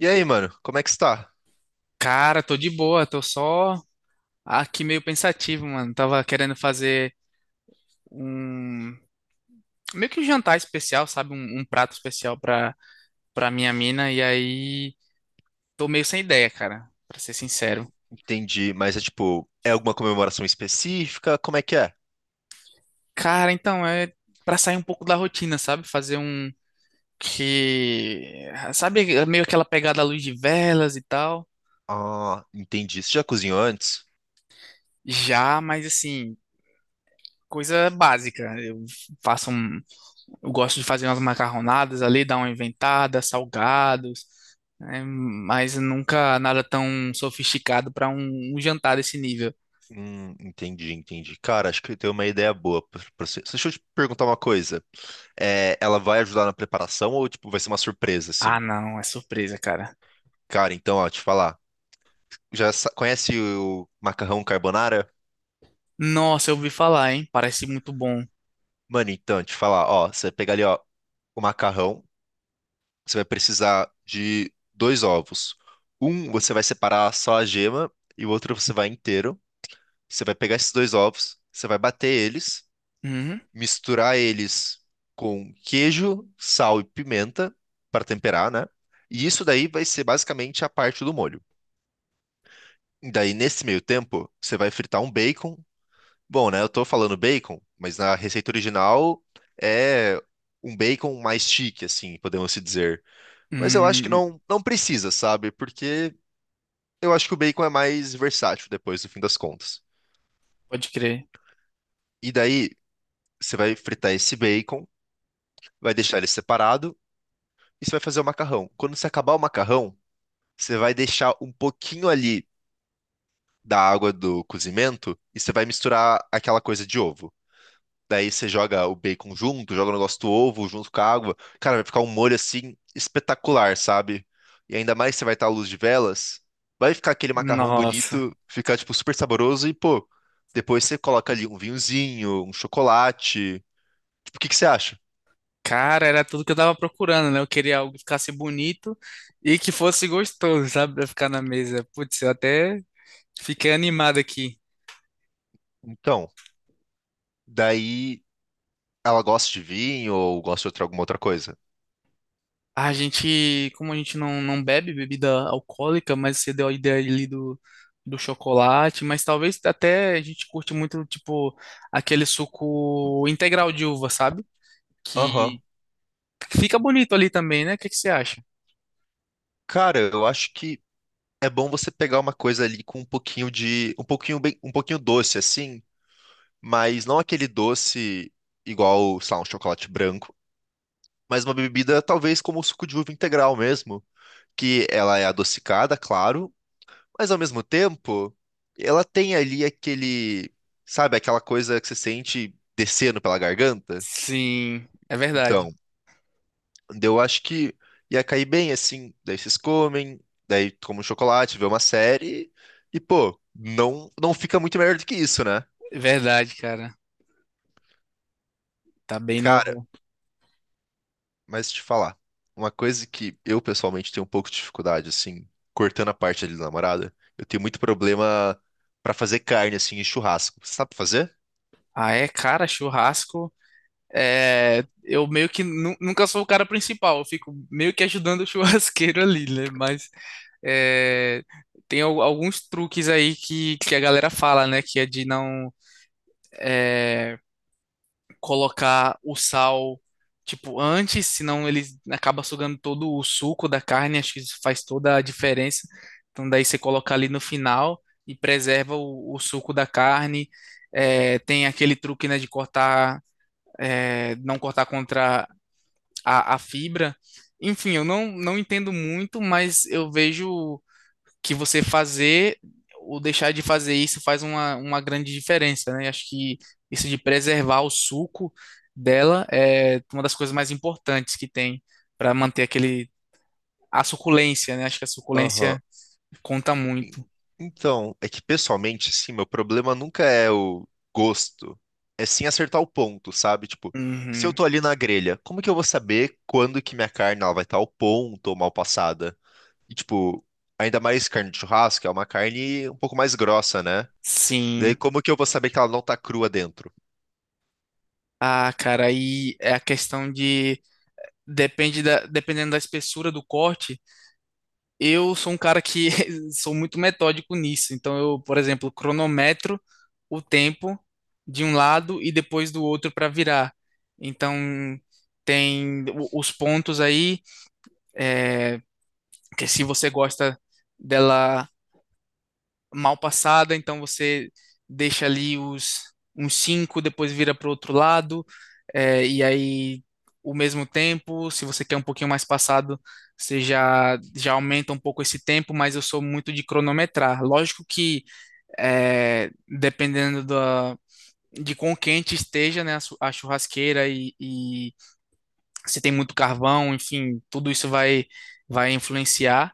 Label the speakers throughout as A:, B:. A: E aí, mano, como é que está?
B: Cara, tô de boa, tô só aqui meio pensativo, mano. Tava querendo fazer um meio que um jantar especial, sabe? Um prato especial pra minha mina, e aí tô meio sem ideia, cara, pra ser sincero.
A: Entendi, mas é tipo, é alguma comemoração específica? Como é que é?
B: Cara, então é pra sair um pouco da rotina, sabe? Fazer que, sabe, meio aquela pegada à luz de velas e tal.
A: Ah, entendi. Você já cozinhou antes?
B: Já, mas assim, coisa básica. Faço um, eu gosto de fazer umas macarronadas ali, dar uma inventada, salgados, né? Mas nunca nada tão sofisticado para um jantar desse nível.
A: Entendi, entendi. Cara, acho que eu tenho uma ideia boa pra você. Deixa eu te perguntar uma coisa. É, ela vai ajudar na preparação ou tipo, vai ser uma surpresa,
B: Ah,
A: assim?
B: não, é surpresa, cara.
A: Cara, então, ó, te falar. Já conhece o macarrão carbonara?
B: Nossa, eu ouvi falar, hein? Parece muito bom.
A: Mano, então, te falar, ó, você pega ali, ó, o macarrão. Você vai precisar de dois ovos. Um você vai separar só a gema e o outro você vai inteiro. Você vai pegar esses dois ovos, você vai bater eles,
B: Uhum.
A: misturar eles com queijo, sal e pimenta para temperar, né? E isso daí vai ser basicamente a parte do molho. E daí, nesse meio tempo, você vai fritar um bacon. Bom, né? Eu tô falando bacon, mas na receita original é um bacon mais chique, assim, podemos se dizer. Mas eu acho que
B: Hum,
A: não, não precisa, sabe? Porque eu acho que o bacon é mais versátil depois, no fim das contas.
B: Pode crer.
A: E daí, você vai fritar esse bacon, vai deixar ele separado e você vai fazer o macarrão. Quando você acabar o macarrão, você vai deixar um pouquinho ali da água do cozimento e você vai misturar aquela coisa de ovo. Daí você joga o bacon junto, joga o negócio do ovo junto com a água. Cara, vai ficar um molho assim espetacular, sabe? E ainda mais que você vai estar à luz de velas, vai ficar aquele macarrão
B: Nossa.
A: bonito, ficar tipo super saboroso e pô, depois você coloca ali um vinhozinho, um chocolate. Tipo, o que que você acha?
B: Cara, era tudo que eu tava procurando, né? Eu queria algo que ficasse bonito e que fosse gostoso, sabe? Pra ficar na mesa. Putz, eu até fiquei animado aqui.
A: Então, daí ela gosta de vinho ou gosta de outra, alguma outra coisa?
B: Como a gente não bebe bebida alcoólica, mas você deu a ideia ali do chocolate, mas talvez até a gente curte muito, tipo, aquele suco integral de uva, sabe?
A: Aham.
B: Que fica bonito ali também, né? O que que você acha?
A: Cara, eu acho que é bom você pegar uma coisa ali com um pouquinho de, um pouquinho bem, um pouquinho doce assim, mas não aquele doce igual, sei lá, um chocolate branco, mas uma bebida talvez como o suco de uva integral mesmo, que ela é adocicada, claro, mas ao mesmo tempo ela tem ali aquele, sabe, aquela coisa que você sente descendo pela garganta.
B: Sim, é verdade.
A: Então, daí eu acho que ia cair bem assim, daí vocês comem, daí toma um chocolate, vê uma série e pô, não não fica muito melhor do que isso, né?
B: É verdade, cara. Tá bem
A: Cara,
B: no.
A: mas te falar, uma coisa que eu pessoalmente tenho um pouco de dificuldade, assim, cortando a parte ali da namorada, eu tenho muito problema pra fazer carne, assim, em churrasco. Você sabe fazer?
B: Ah, é, cara, churrasco. É, eu meio que nunca sou o cara principal, eu fico meio que ajudando o churrasqueiro ali, né? Mas é, tem alguns truques aí que a galera fala, né? Que é de não colocar o sal, tipo, antes, senão ele acaba sugando todo o suco da carne, acho que isso faz toda a diferença. Então daí você coloca ali no final e preserva o suco da carne. É, tem aquele truque, né, de cortar, é, não cortar contra a fibra. Enfim, eu não entendo muito, mas eu vejo que você fazer ou deixar de fazer isso faz uma grande diferença, né? Acho que isso de preservar o suco dela é uma das coisas mais importantes que tem para manter aquele a suculência, né? Acho que a
A: Aham.
B: suculência conta muito.
A: Então, é que pessoalmente, assim, meu problema nunca é o gosto, é sim acertar o ponto, sabe? Tipo, se eu
B: Uhum.
A: tô ali na grelha, como que eu vou saber quando que minha carne ela vai estar ao ponto ou mal passada? E, tipo, ainda mais carne de churrasco, é uma carne um pouco mais grossa, né? Daí,
B: Sim.
A: como que eu vou saber que ela não tá crua dentro?
B: Ah, cara, aí é a questão de depende da, dependendo da espessura do corte. Eu sou um cara que sou muito metódico nisso. Então, eu, por exemplo, cronometro o tempo de um lado e depois do outro para virar. Então, tem os pontos aí, que se você gosta dela mal passada, então você deixa ali os uns 5 depois vira para o outro lado, é, e aí o mesmo tempo, se você quer um pouquinho mais passado, você já aumenta um pouco esse tempo, mas eu sou muito de cronometrar. Lógico que é, dependendo da, de quão quente esteja, né, a, a churrasqueira e se tem muito carvão, enfim, tudo isso vai influenciar,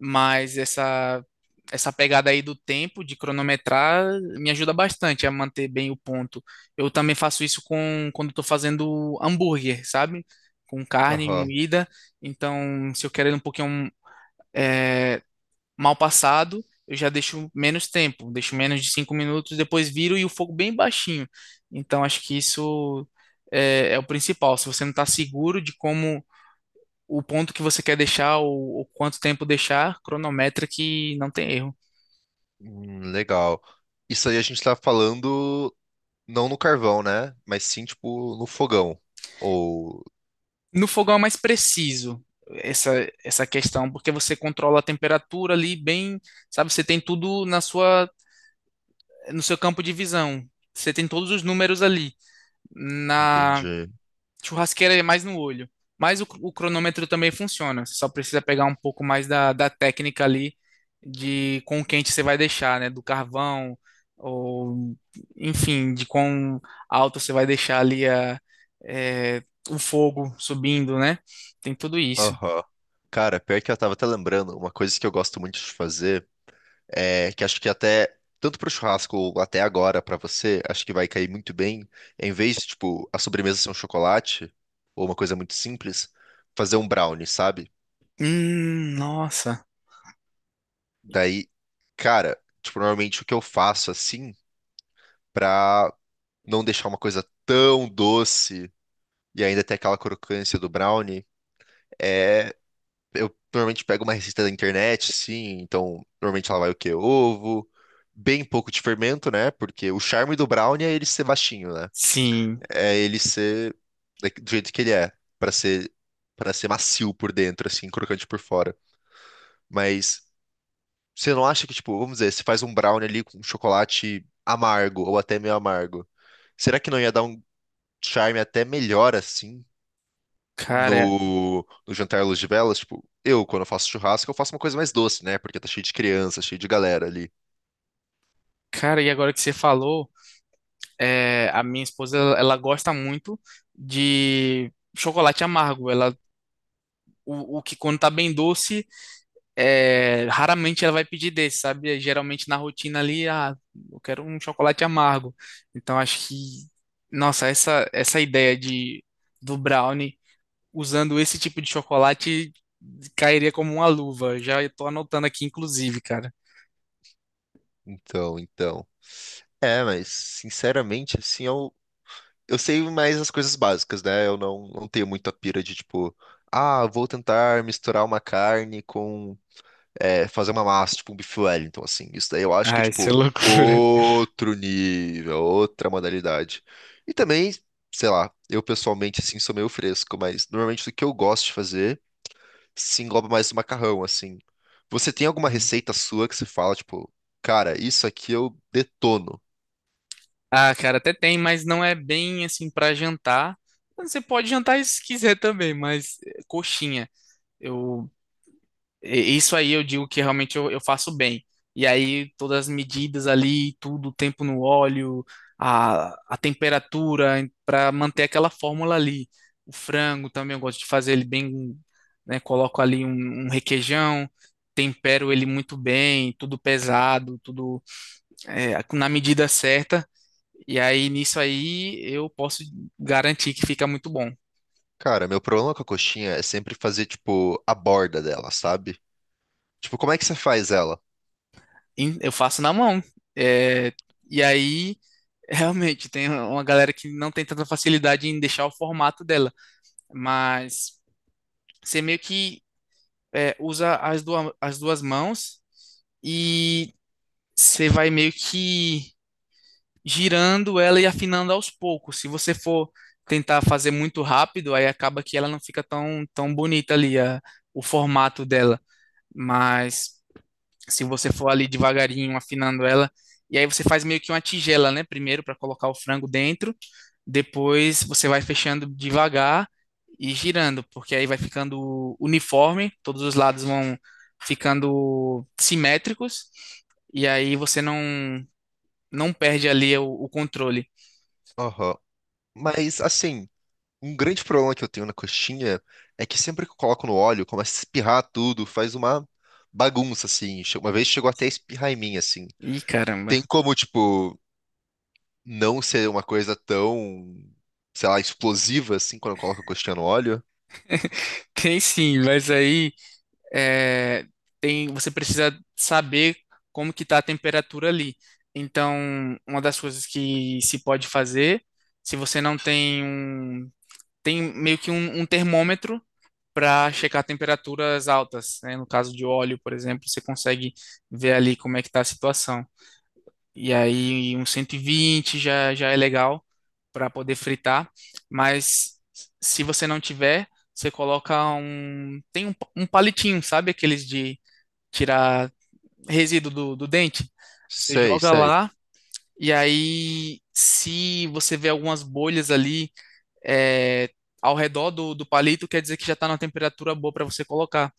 B: mas essa pegada aí do tempo, de cronometrar, me ajuda bastante a manter bem o ponto. Eu também faço isso com, quando estou fazendo hambúrguer, sabe? Com carne
A: Aham.
B: moída, então se eu quero ele um pouquinho é, mal passado, eu já deixo menos tempo, deixo menos de 5 minutos, depois viro e o fogo bem baixinho. Então acho que isso é o principal. Se você não está seguro de como o ponto que você quer deixar ou quanto tempo deixar, cronometra que não tem erro.
A: Legal. Isso aí a gente tá falando não no carvão, né? Mas sim, tipo, no fogão. Ou,
B: No fogão é mais preciso essa, essa questão, porque você controla a temperatura ali bem, sabe? Você tem tudo na sua, no seu campo de visão. Você tem todos os números ali. Na
A: Entendi.
B: churrasqueira é mais no olho. Mas o cronômetro também funciona. Você só precisa pegar um pouco mais da técnica ali de com o quente você vai deixar, né? Do carvão, ou enfim, de quão alto você vai deixar ali é, o fogo subindo, né? Tem tudo isso.
A: Aham. Cara, pior que eu tava até lembrando, uma coisa que eu gosto muito de fazer é que acho que até, tanto pro churrasco ou até agora pra você, acho que vai cair muito bem, em vez de, tipo, a sobremesa ser um chocolate, ou uma coisa muito simples, fazer um brownie, sabe?
B: Nossa.
A: Daí, cara, tipo, normalmente o que eu faço assim. Pra não deixar uma coisa tão doce e ainda ter aquela crocância do brownie, é. Eu normalmente pego uma receita da internet, sim, então normalmente ela vai o quê? Ovo, bem pouco de fermento, né? Porque o charme do brownie é ele ser baixinho, né?
B: Sim,
A: É ele ser do jeito que ele é, pra ser para ser macio por dentro, assim, crocante por fora. Mas você não acha que, tipo, vamos dizer, você faz um brownie ali com chocolate amargo ou até meio amargo, será que não ia dar um charme até melhor assim?
B: cara,
A: no, no jantar à luz de velas, tipo, eu, quando eu faço churrasco, eu faço uma coisa mais doce, né? Porque tá cheio de criança, cheio de galera ali.
B: cara, e agora que você falou, é, a minha esposa, ela gosta muito de chocolate amargo. O que quando tá bem doce, raramente ela vai pedir desse, sabe? Geralmente na rotina ali, ah, eu quero um chocolate amargo. Então acho que, nossa, essa ideia do brownie usando esse tipo de chocolate cairia como uma luva. Já tô anotando aqui, inclusive, cara.
A: Então, então. É, mas, sinceramente, assim, eu sei mais as coisas básicas, né? Eu não, não tenho muita pira de, tipo, ah, vou tentar misturar uma carne com, fazer uma massa, tipo um bife Wellington, assim. Isso daí eu acho que é,
B: Ai, isso é
A: tipo,
B: loucura.
A: outro nível, outra modalidade. E também, sei lá, eu pessoalmente, assim, sou meio fresco, mas normalmente o que eu gosto de fazer se engloba mais o macarrão, assim. Você tem alguma receita sua que você fala, tipo, cara, isso aqui eu detono.
B: Ah, cara, até tem, mas não é bem assim pra jantar. Você pode jantar se quiser também, mas coxinha. Eu, isso aí eu digo que realmente eu faço bem. E aí todas as medidas ali, tudo, o tempo no óleo, a, a temperatura para manter aquela fórmula ali. O frango também eu gosto de fazer ele bem, né? Coloco ali um requeijão, tempero ele muito bem, tudo pesado, tudo na medida certa. E aí, nisso aí, eu posso garantir que fica muito bom.
A: Cara, meu problema com a coxinha é sempre fazer, tipo, a borda dela, sabe? Tipo, como é que você faz ela?
B: Eu faço na mão. É, e aí, realmente, tem uma galera que não tem tanta facilidade em deixar o formato dela. Mas você meio que usa as duas mãos e você vai meio que girando ela e afinando aos poucos. Se você for tentar fazer muito rápido, aí acaba que ela não fica tão, tão bonita ali, o formato dela. Mas. Se você for ali devagarinho afinando ela. E aí você faz meio que uma tigela, né? Primeiro para colocar o frango dentro, depois você vai fechando devagar e girando, porque aí vai ficando uniforme, todos os lados vão ficando simétricos e aí você não perde ali o controle.
A: Aham. Mas, assim, um grande problema que eu tenho na coxinha é que sempre que eu coloco no óleo, começa a espirrar tudo, faz uma bagunça, assim. Uma vez chegou até a espirrar em mim, assim.
B: Ih, caramba.
A: Tem como, tipo, não ser uma coisa tão, sei lá, explosiva, assim, quando eu coloco a coxinha no óleo?
B: Tem sim, mas aí é, tem, você precisa saber como que está a temperatura ali. Então, uma das coisas que se pode fazer, se você não tem um, tem meio que um termômetro para checar temperaturas altas, né? No caso de óleo, por exemplo, você consegue ver ali como é que está a situação. E aí, 120 já é legal para poder fritar, mas se você não tiver, você coloca um, tem um palitinho, sabe? Aqueles de tirar resíduo do dente. Você
A: Sei,
B: joga
A: sei.
B: lá e aí, se você vê algumas bolhas ali é, ao redor do palito, quer dizer que já está numa temperatura boa para você colocar.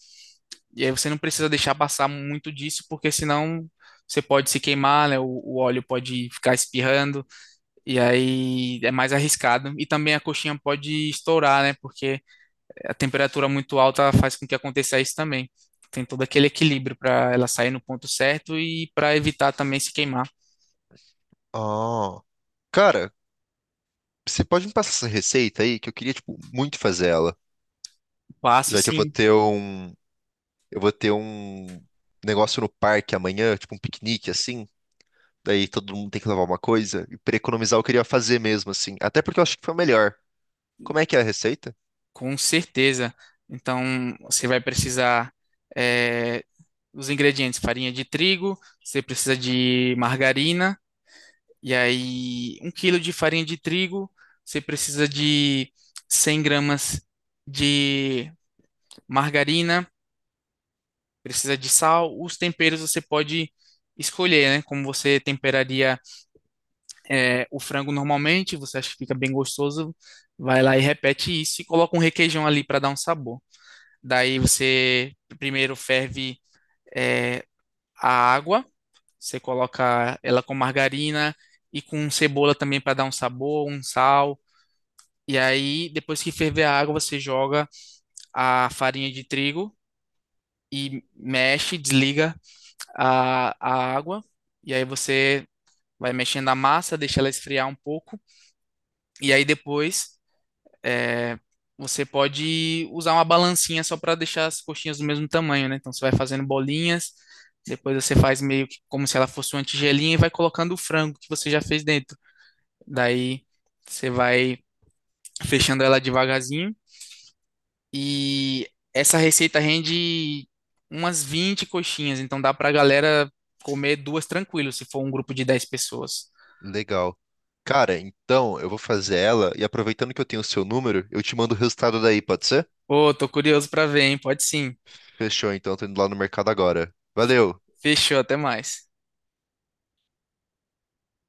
B: E aí você não precisa deixar passar muito disso, porque senão você pode se queimar, né? O óleo pode ficar espirrando, e aí é mais arriscado. E também a coxinha pode estourar, né? Porque a temperatura muito alta faz com que aconteça isso também. Tem todo aquele equilíbrio para ela sair no ponto certo e para evitar também se queimar.
A: Ah, cara, você pode me passar essa receita aí que eu queria, tipo, muito fazer ela.
B: Passo
A: Já que eu vou
B: sim,
A: ter um, eu vou ter um negócio no parque amanhã, tipo um piquenique assim. Daí todo mundo tem que levar uma coisa. E pra economizar, eu queria fazer mesmo assim. Até porque eu acho que foi o melhor. Como é que é a receita?
B: com certeza. Então, você vai precisar é, os ingredientes: farinha de trigo, você precisa de margarina, e aí 1 quilo de farinha de trigo, você precisa de 100 gramas de margarina, precisa de sal. Os temperos você pode escolher, né? Como você temperaria o frango normalmente, você acha que fica bem gostoso, vai lá e repete isso e coloca um requeijão ali para dar um sabor. Daí você primeiro ferve é, a água, você coloca ela com margarina e com cebola também para dar um sabor, um sal. E aí, depois que ferver a água, você joga a farinha de trigo e mexe, desliga a água, e aí você vai mexendo a massa, deixa ela esfriar um pouco, e aí depois é, você pode usar uma balancinha só para deixar as coxinhas do mesmo tamanho, né? Então você vai fazendo bolinhas, depois você faz meio que como se ela fosse uma tigelinha e vai colocando o frango que você já fez dentro. Daí você vai fechando ela devagarzinho. E essa receita rende umas 20 coxinhas, então dá pra galera comer duas tranquilo, se for um grupo de 10 pessoas.
A: Legal. Cara, então eu vou fazer ela e aproveitando que eu tenho o seu número, eu te mando o resultado daí, pode ser?
B: Ô, tô curioso pra ver, hein? Pode sim.
A: Fechou, então, tô indo lá no mercado agora. Valeu!
B: Fechou, até mais.